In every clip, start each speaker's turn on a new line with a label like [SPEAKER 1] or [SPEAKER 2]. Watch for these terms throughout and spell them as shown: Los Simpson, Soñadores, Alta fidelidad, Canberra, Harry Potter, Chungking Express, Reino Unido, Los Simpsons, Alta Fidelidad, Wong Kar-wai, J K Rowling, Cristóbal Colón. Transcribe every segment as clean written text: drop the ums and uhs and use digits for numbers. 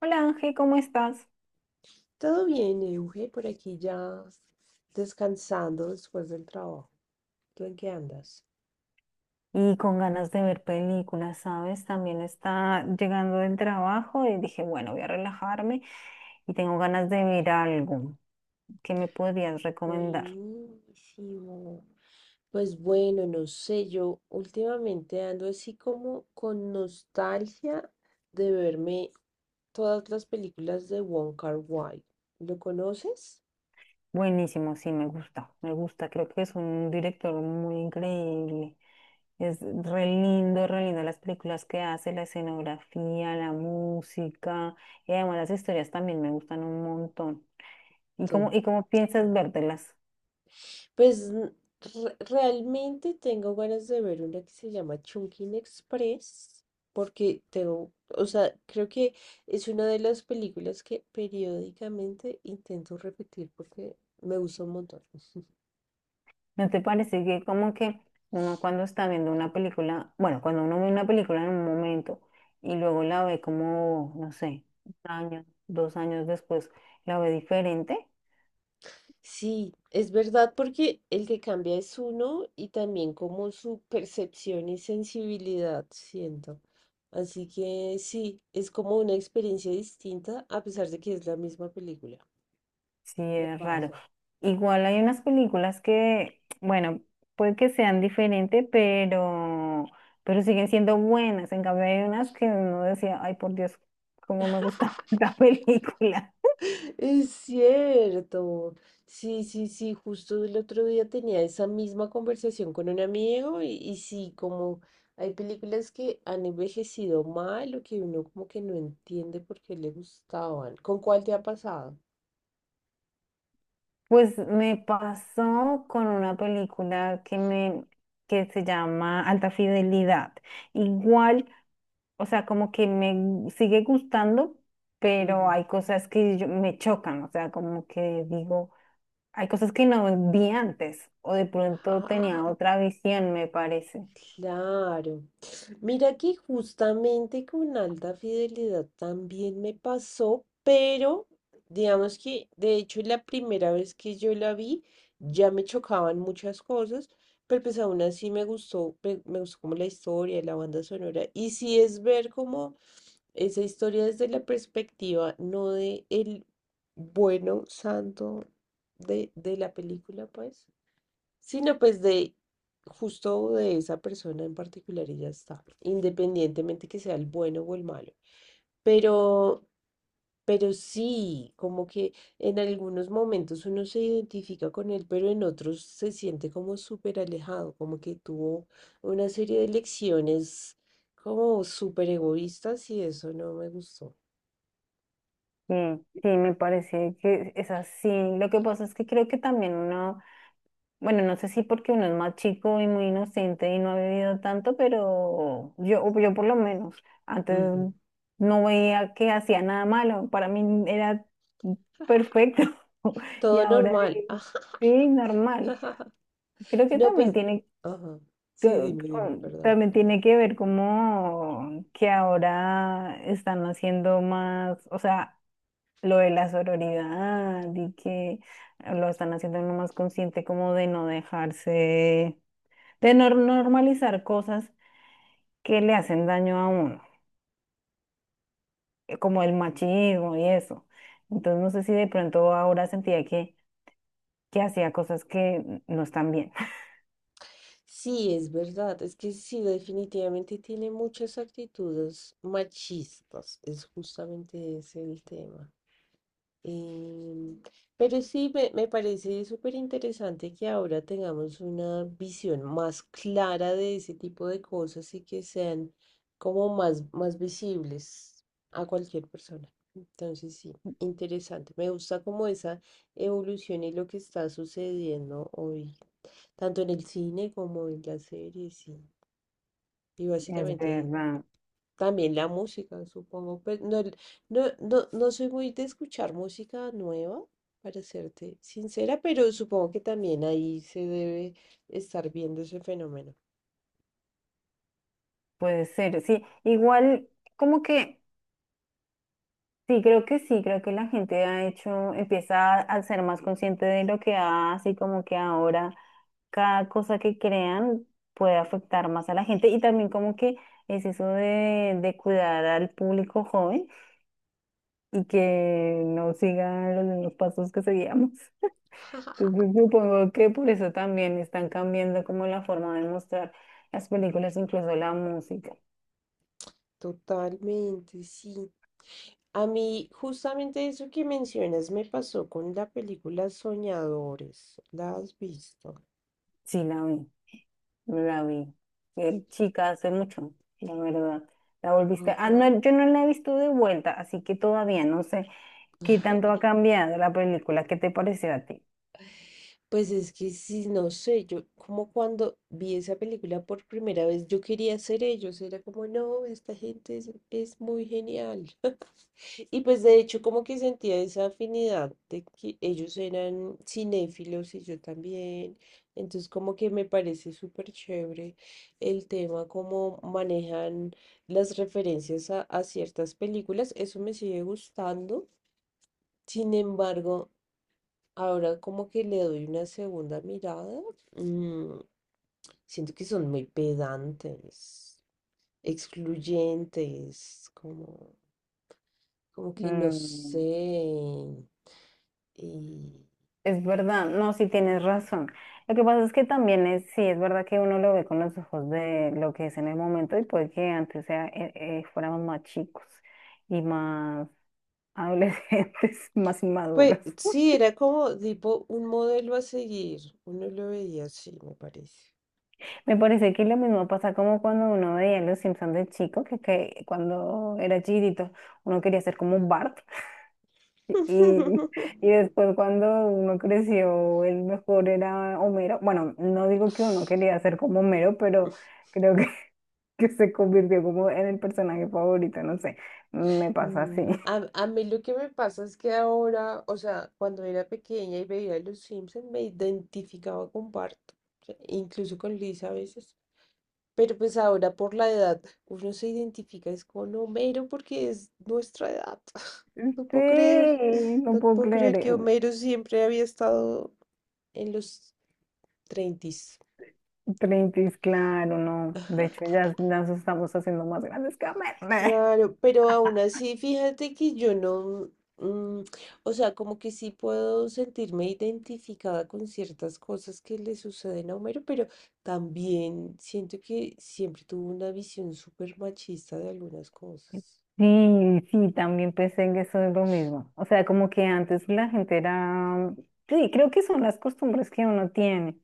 [SPEAKER 1] Hola Ángel, ¿cómo estás?
[SPEAKER 2] Todo bien, Euge, por aquí ya descansando después del trabajo. ¿Tú en qué andas?
[SPEAKER 1] Y con ganas de ver películas, ¿sabes? También está llegando del trabajo y dije, bueno, voy a relajarme y tengo ganas de ver algo. ¿Qué me podrías recomendar?
[SPEAKER 2] Buenísimo. Pues bueno, no sé, yo últimamente ando así como con nostalgia de verme todas las películas de Wong Kar-wai. ¿Lo conoces?
[SPEAKER 1] Buenísimo, sí, me gusta, me gusta. Creo que es un director muy increíble. Es re lindo las películas que hace, la escenografía, la música y además las historias también me gustan un montón. ¿Y cómo
[SPEAKER 2] Total.
[SPEAKER 1] piensas vértelas?
[SPEAKER 2] Pues realmente tengo ganas de ver una que se llama Chungking Express, porque tengo, o sea, creo que es una de las películas que periódicamente intento repetir porque me gusta un montón.
[SPEAKER 1] ¿No te parece que como que uno cuando está viendo una película, bueno, cuando uno ve una película en un momento y luego la ve como, no sé, un año, dos años después, la ve diferente?
[SPEAKER 2] Sí, es verdad porque el que cambia es uno y también como su percepción y sensibilidad, siento. Así que sí, es como una experiencia distinta a pesar de que es la misma película.
[SPEAKER 1] Sí,
[SPEAKER 2] Me
[SPEAKER 1] es raro.
[SPEAKER 2] pasa.
[SPEAKER 1] Igual hay unas películas que, bueno, puede que sean diferentes, pero siguen siendo buenas. En cambio, hay unas que uno decía, ay, por Dios, cómo me gustaba esta película.
[SPEAKER 2] Es cierto. Sí, sí, sí. Justo el otro día tenía esa misma conversación con un amigo y sí, como hay películas que han envejecido mal o que uno como que no entiende por qué le gustaban. ¿Con cuál te ha pasado?
[SPEAKER 1] Pues me pasó con una película que se llama Alta Fidelidad. Igual, o sea, como que me gu- sigue gustando, pero
[SPEAKER 2] Ujú.
[SPEAKER 1] hay cosas que me chocan, o sea, como que digo, hay cosas que no vi antes o de pronto tenía otra visión, me parece.
[SPEAKER 2] Claro. Mira que justamente con alta fidelidad también me pasó, pero digamos que de hecho la primera vez que yo la vi ya me chocaban muchas cosas, pero pues aún así me gustó, me gustó como la historia, la banda sonora. Y sí es ver como esa historia desde la perspectiva, no de el bueno santo de la película, pues sino pues de justo de esa persona en particular y ya está, independientemente que sea el bueno o el malo. Pero, pero sí, como que en algunos momentos uno se identifica con él, pero en otros se siente como súper alejado, como que tuvo una serie de lecciones como súper egoístas y eso no me gustó.
[SPEAKER 1] Sí, sí, me parece que es así. Lo que pasa es que creo que también uno bueno, no sé si porque uno es más chico y muy inocente y no ha vivido tanto, pero yo por lo menos antes
[SPEAKER 2] Ujú.
[SPEAKER 1] no veía que hacía nada malo. Para mí era perfecto. Y
[SPEAKER 2] Todo
[SPEAKER 1] ahora
[SPEAKER 2] normal. Ajá.
[SPEAKER 1] sí, normal. Creo que
[SPEAKER 2] No,
[SPEAKER 1] también
[SPEAKER 2] pues,
[SPEAKER 1] tiene
[SPEAKER 2] ajá. Sí, dime, perdón.
[SPEAKER 1] también tiene que ver como que ahora están haciendo más, o sea, lo de la sororidad y que lo están haciendo uno más consciente como de no dejarse de normalizar cosas que le hacen daño a uno, como el machismo y eso. Entonces, no sé si de pronto ahora sentía que hacía cosas que no están bien.
[SPEAKER 2] Sí, es verdad, es que sí, definitivamente tiene muchas actitudes machistas, es justamente ese el tema. Em, pero sí, me parece súper interesante que ahora tengamos una visión más clara de ese tipo de cosas y que sean como más visibles a cualquier persona. Entonces, sí, interesante. Me gusta como esa evolución y lo que está sucediendo hoy tanto en el cine como en las series y
[SPEAKER 1] Es
[SPEAKER 2] básicamente
[SPEAKER 1] verdad,
[SPEAKER 2] también la música, supongo. Pues no, no, no, no soy muy de escuchar música nueva, para serte sincera, pero supongo que también ahí se debe estar viendo ese fenómeno.
[SPEAKER 1] puede ser, sí. Igual, como que, sí, creo que sí, creo que la gente ha hecho, empieza a ser más consciente de lo que hace y como que ahora cada cosa que crean puede afectar más a la gente y también como que es eso de cuidar al público joven y que no siga los mismos pasos que seguíamos. Entonces supongo que por eso también están cambiando como la forma de mostrar las películas, incluso la música.
[SPEAKER 2] Totalmente, sí. A mí justamente eso que mencionas me pasó con la película Soñadores. ¿La has visto?
[SPEAKER 1] Sí, la vi, la vi. Chica, hace mucho, la verdad. La volviste. Ah,
[SPEAKER 2] Ajá.
[SPEAKER 1] no, yo no la he visto de vuelta, así que todavía no sé qué tanto ha cambiado la película. ¿Qué te pareció a ti?
[SPEAKER 2] Pues es que sí, no sé, yo como cuando vi esa película por primera vez, yo quería ser ellos, era como, no, esta gente es, muy genial. Y pues de hecho como que sentía esa afinidad de que ellos eran cinéfilos y yo también, entonces como que me parece súper chévere el tema, cómo manejan las referencias a ciertas películas, eso me sigue gustando. Sin embargo, ahora como que le doy una segunda mirada. mm, siento que son muy pedantes, excluyentes, como que no sé.
[SPEAKER 1] Mm.
[SPEAKER 2] Y,
[SPEAKER 1] Es verdad, no, sí tienes razón. Lo que pasa es que también es, sí, es verdad que uno lo ve con los ojos de lo que es en el momento y puede que antes sea, fuéramos más chicos y más adolescentes, más inmaduros.
[SPEAKER 2] pues sí, era como tipo un modelo a seguir. Uno lo veía así, me parece.
[SPEAKER 1] Me parece que lo mismo pasa como cuando uno veía Los Simpsons de chico, que cuando era chiquitito uno quería ser como Bart. Y, y después cuando uno creció, el mejor era Homero. Bueno, no digo que uno quería ser como Homero, pero creo que, que se convirtió como en el personaje favorito, no sé, me pasa
[SPEAKER 2] Mm,
[SPEAKER 1] así.
[SPEAKER 2] A, a mí lo que me pasa es que ahora, o sea, cuando era pequeña y veía Los Simpson, me identificaba con Bart, o sea, incluso con Lisa a veces. Pero pues ahora por la edad, uno se identifica es con Homero porque es nuestra edad. No puedo creer,
[SPEAKER 1] Sí, no
[SPEAKER 2] no
[SPEAKER 1] puedo
[SPEAKER 2] puedo
[SPEAKER 1] creer.
[SPEAKER 2] creer que Homero siempre había estado en los 30.
[SPEAKER 1] Treintis, claro, no. De hecho, ya nos estamos haciendo más grandes que Homero.
[SPEAKER 2] Claro, pero aún así, fíjate que yo no, mm, o sea, como que sí puedo sentirme identificada con ciertas cosas que le suceden a Homero, pero también siento que siempre tuvo una visión súper machista de algunas cosas.
[SPEAKER 1] Sí, sí, también pensé que eso es lo mismo. O sea, como que antes la gente era, sí, creo que son las costumbres que uno tiene.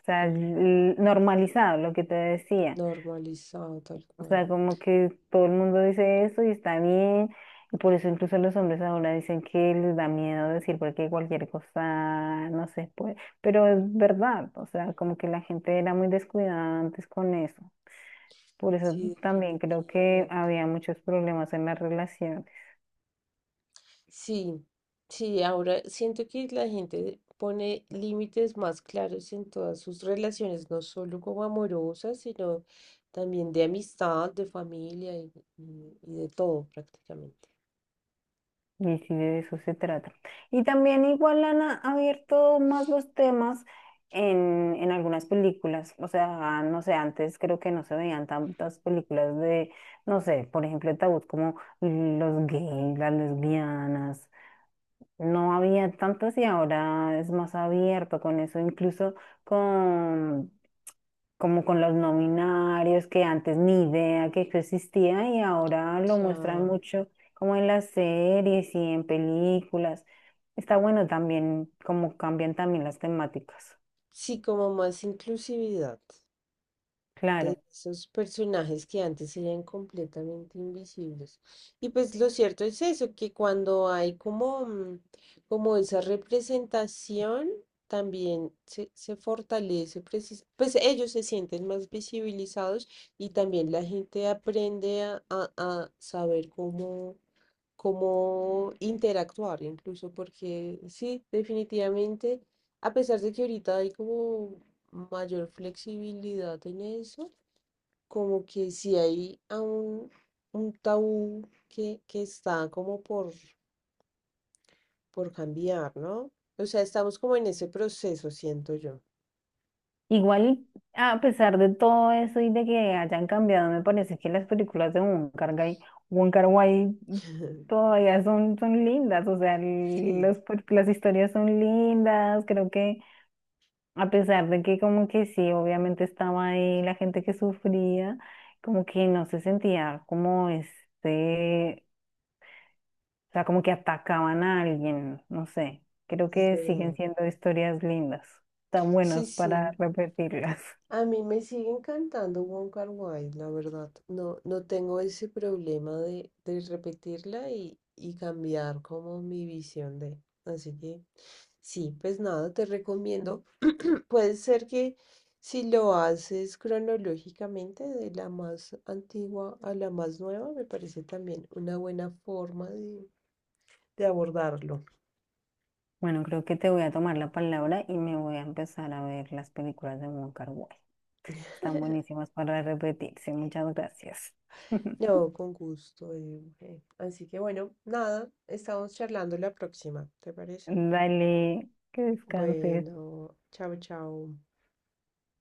[SPEAKER 1] O sea,
[SPEAKER 2] Ujú.
[SPEAKER 1] normalizado, lo que te decía.
[SPEAKER 2] Normalizado tal
[SPEAKER 1] O
[SPEAKER 2] cual.
[SPEAKER 1] sea, como que todo el mundo dice eso y está bien. Y por eso incluso los hombres ahora dicen que les da miedo decir porque cualquier cosa, no sé, pues. Pero es verdad, o sea, como que la gente era muy descuidada antes con eso. Por eso
[SPEAKER 2] Sí,
[SPEAKER 1] también creo que
[SPEAKER 2] definitivamente.
[SPEAKER 1] había muchos problemas en la relación.
[SPEAKER 2] Sí, sí, ahora siento que la gente pone límites más claros en todas sus relaciones, no solo como amorosas, sino también de amistad, de familia y de todo prácticamente.
[SPEAKER 1] Y sí, de eso se trata. Y también igual han abierto más los temas en algunas películas. O sea, no sé, antes creo que no se veían tantas películas de, no sé, por ejemplo, el tabú como los gays, las lesbianas, no había tantas y ahora es más abierto con eso, incluso con como con los nominarios que antes ni idea que eso existía y ahora lo muestran
[SPEAKER 2] Claro.
[SPEAKER 1] mucho como en las series y en películas. Está bueno también como cambian también las temáticas.
[SPEAKER 2] Sí, como más inclusividad. De
[SPEAKER 1] Claro.
[SPEAKER 2] esos personajes que antes eran completamente invisibles. Y pues lo cierto es eso, que cuando hay como esa representación, también se fortalece, pues ellos se sienten más visibilizados y también la gente aprende a saber cómo, interactuar, incluso porque sí, definitivamente, a pesar de que ahorita hay como mayor flexibilidad en eso, como que si hay aún un tabú que está como por cambiar, ¿no? O sea, estamos como en ese proceso, siento yo.
[SPEAKER 1] Igual, a pesar de todo eso y de que hayan cambiado, me parece que las películas de Wong Kar-wai todavía son, son lindas, o sea,
[SPEAKER 2] Sí,
[SPEAKER 1] las historias son lindas, creo que a pesar de que como que sí, obviamente estaba ahí la gente que sufría, como que no se sentía como este, o sea, como que atacaban a alguien, no sé, creo
[SPEAKER 2] es
[SPEAKER 1] que siguen
[SPEAKER 2] verdad.
[SPEAKER 1] siendo historias lindas, tan
[SPEAKER 2] Sí,
[SPEAKER 1] buenas para
[SPEAKER 2] sí.
[SPEAKER 1] repetirlas.
[SPEAKER 2] A mí me sigue encantando Wong Kar-wai, la verdad. No, no tengo ese problema de repetirla y cambiar como mi visión de. Así que sí, pues nada, te recomiendo. Puede ser que si lo haces cronológicamente, de la más antigua a la más nueva, me parece también una buena forma de abordarlo.
[SPEAKER 1] Bueno, creo que te voy a tomar la palabra y me voy a empezar a ver las películas de Wong Kar-wai. Están buenísimas para repetirse. Muchas gracias.
[SPEAKER 2] No, con gusto, mujer. Así que bueno, nada, estamos charlando la próxima, ¿te parece?
[SPEAKER 1] Dale, que descanses.
[SPEAKER 2] Bueno, chao, chao.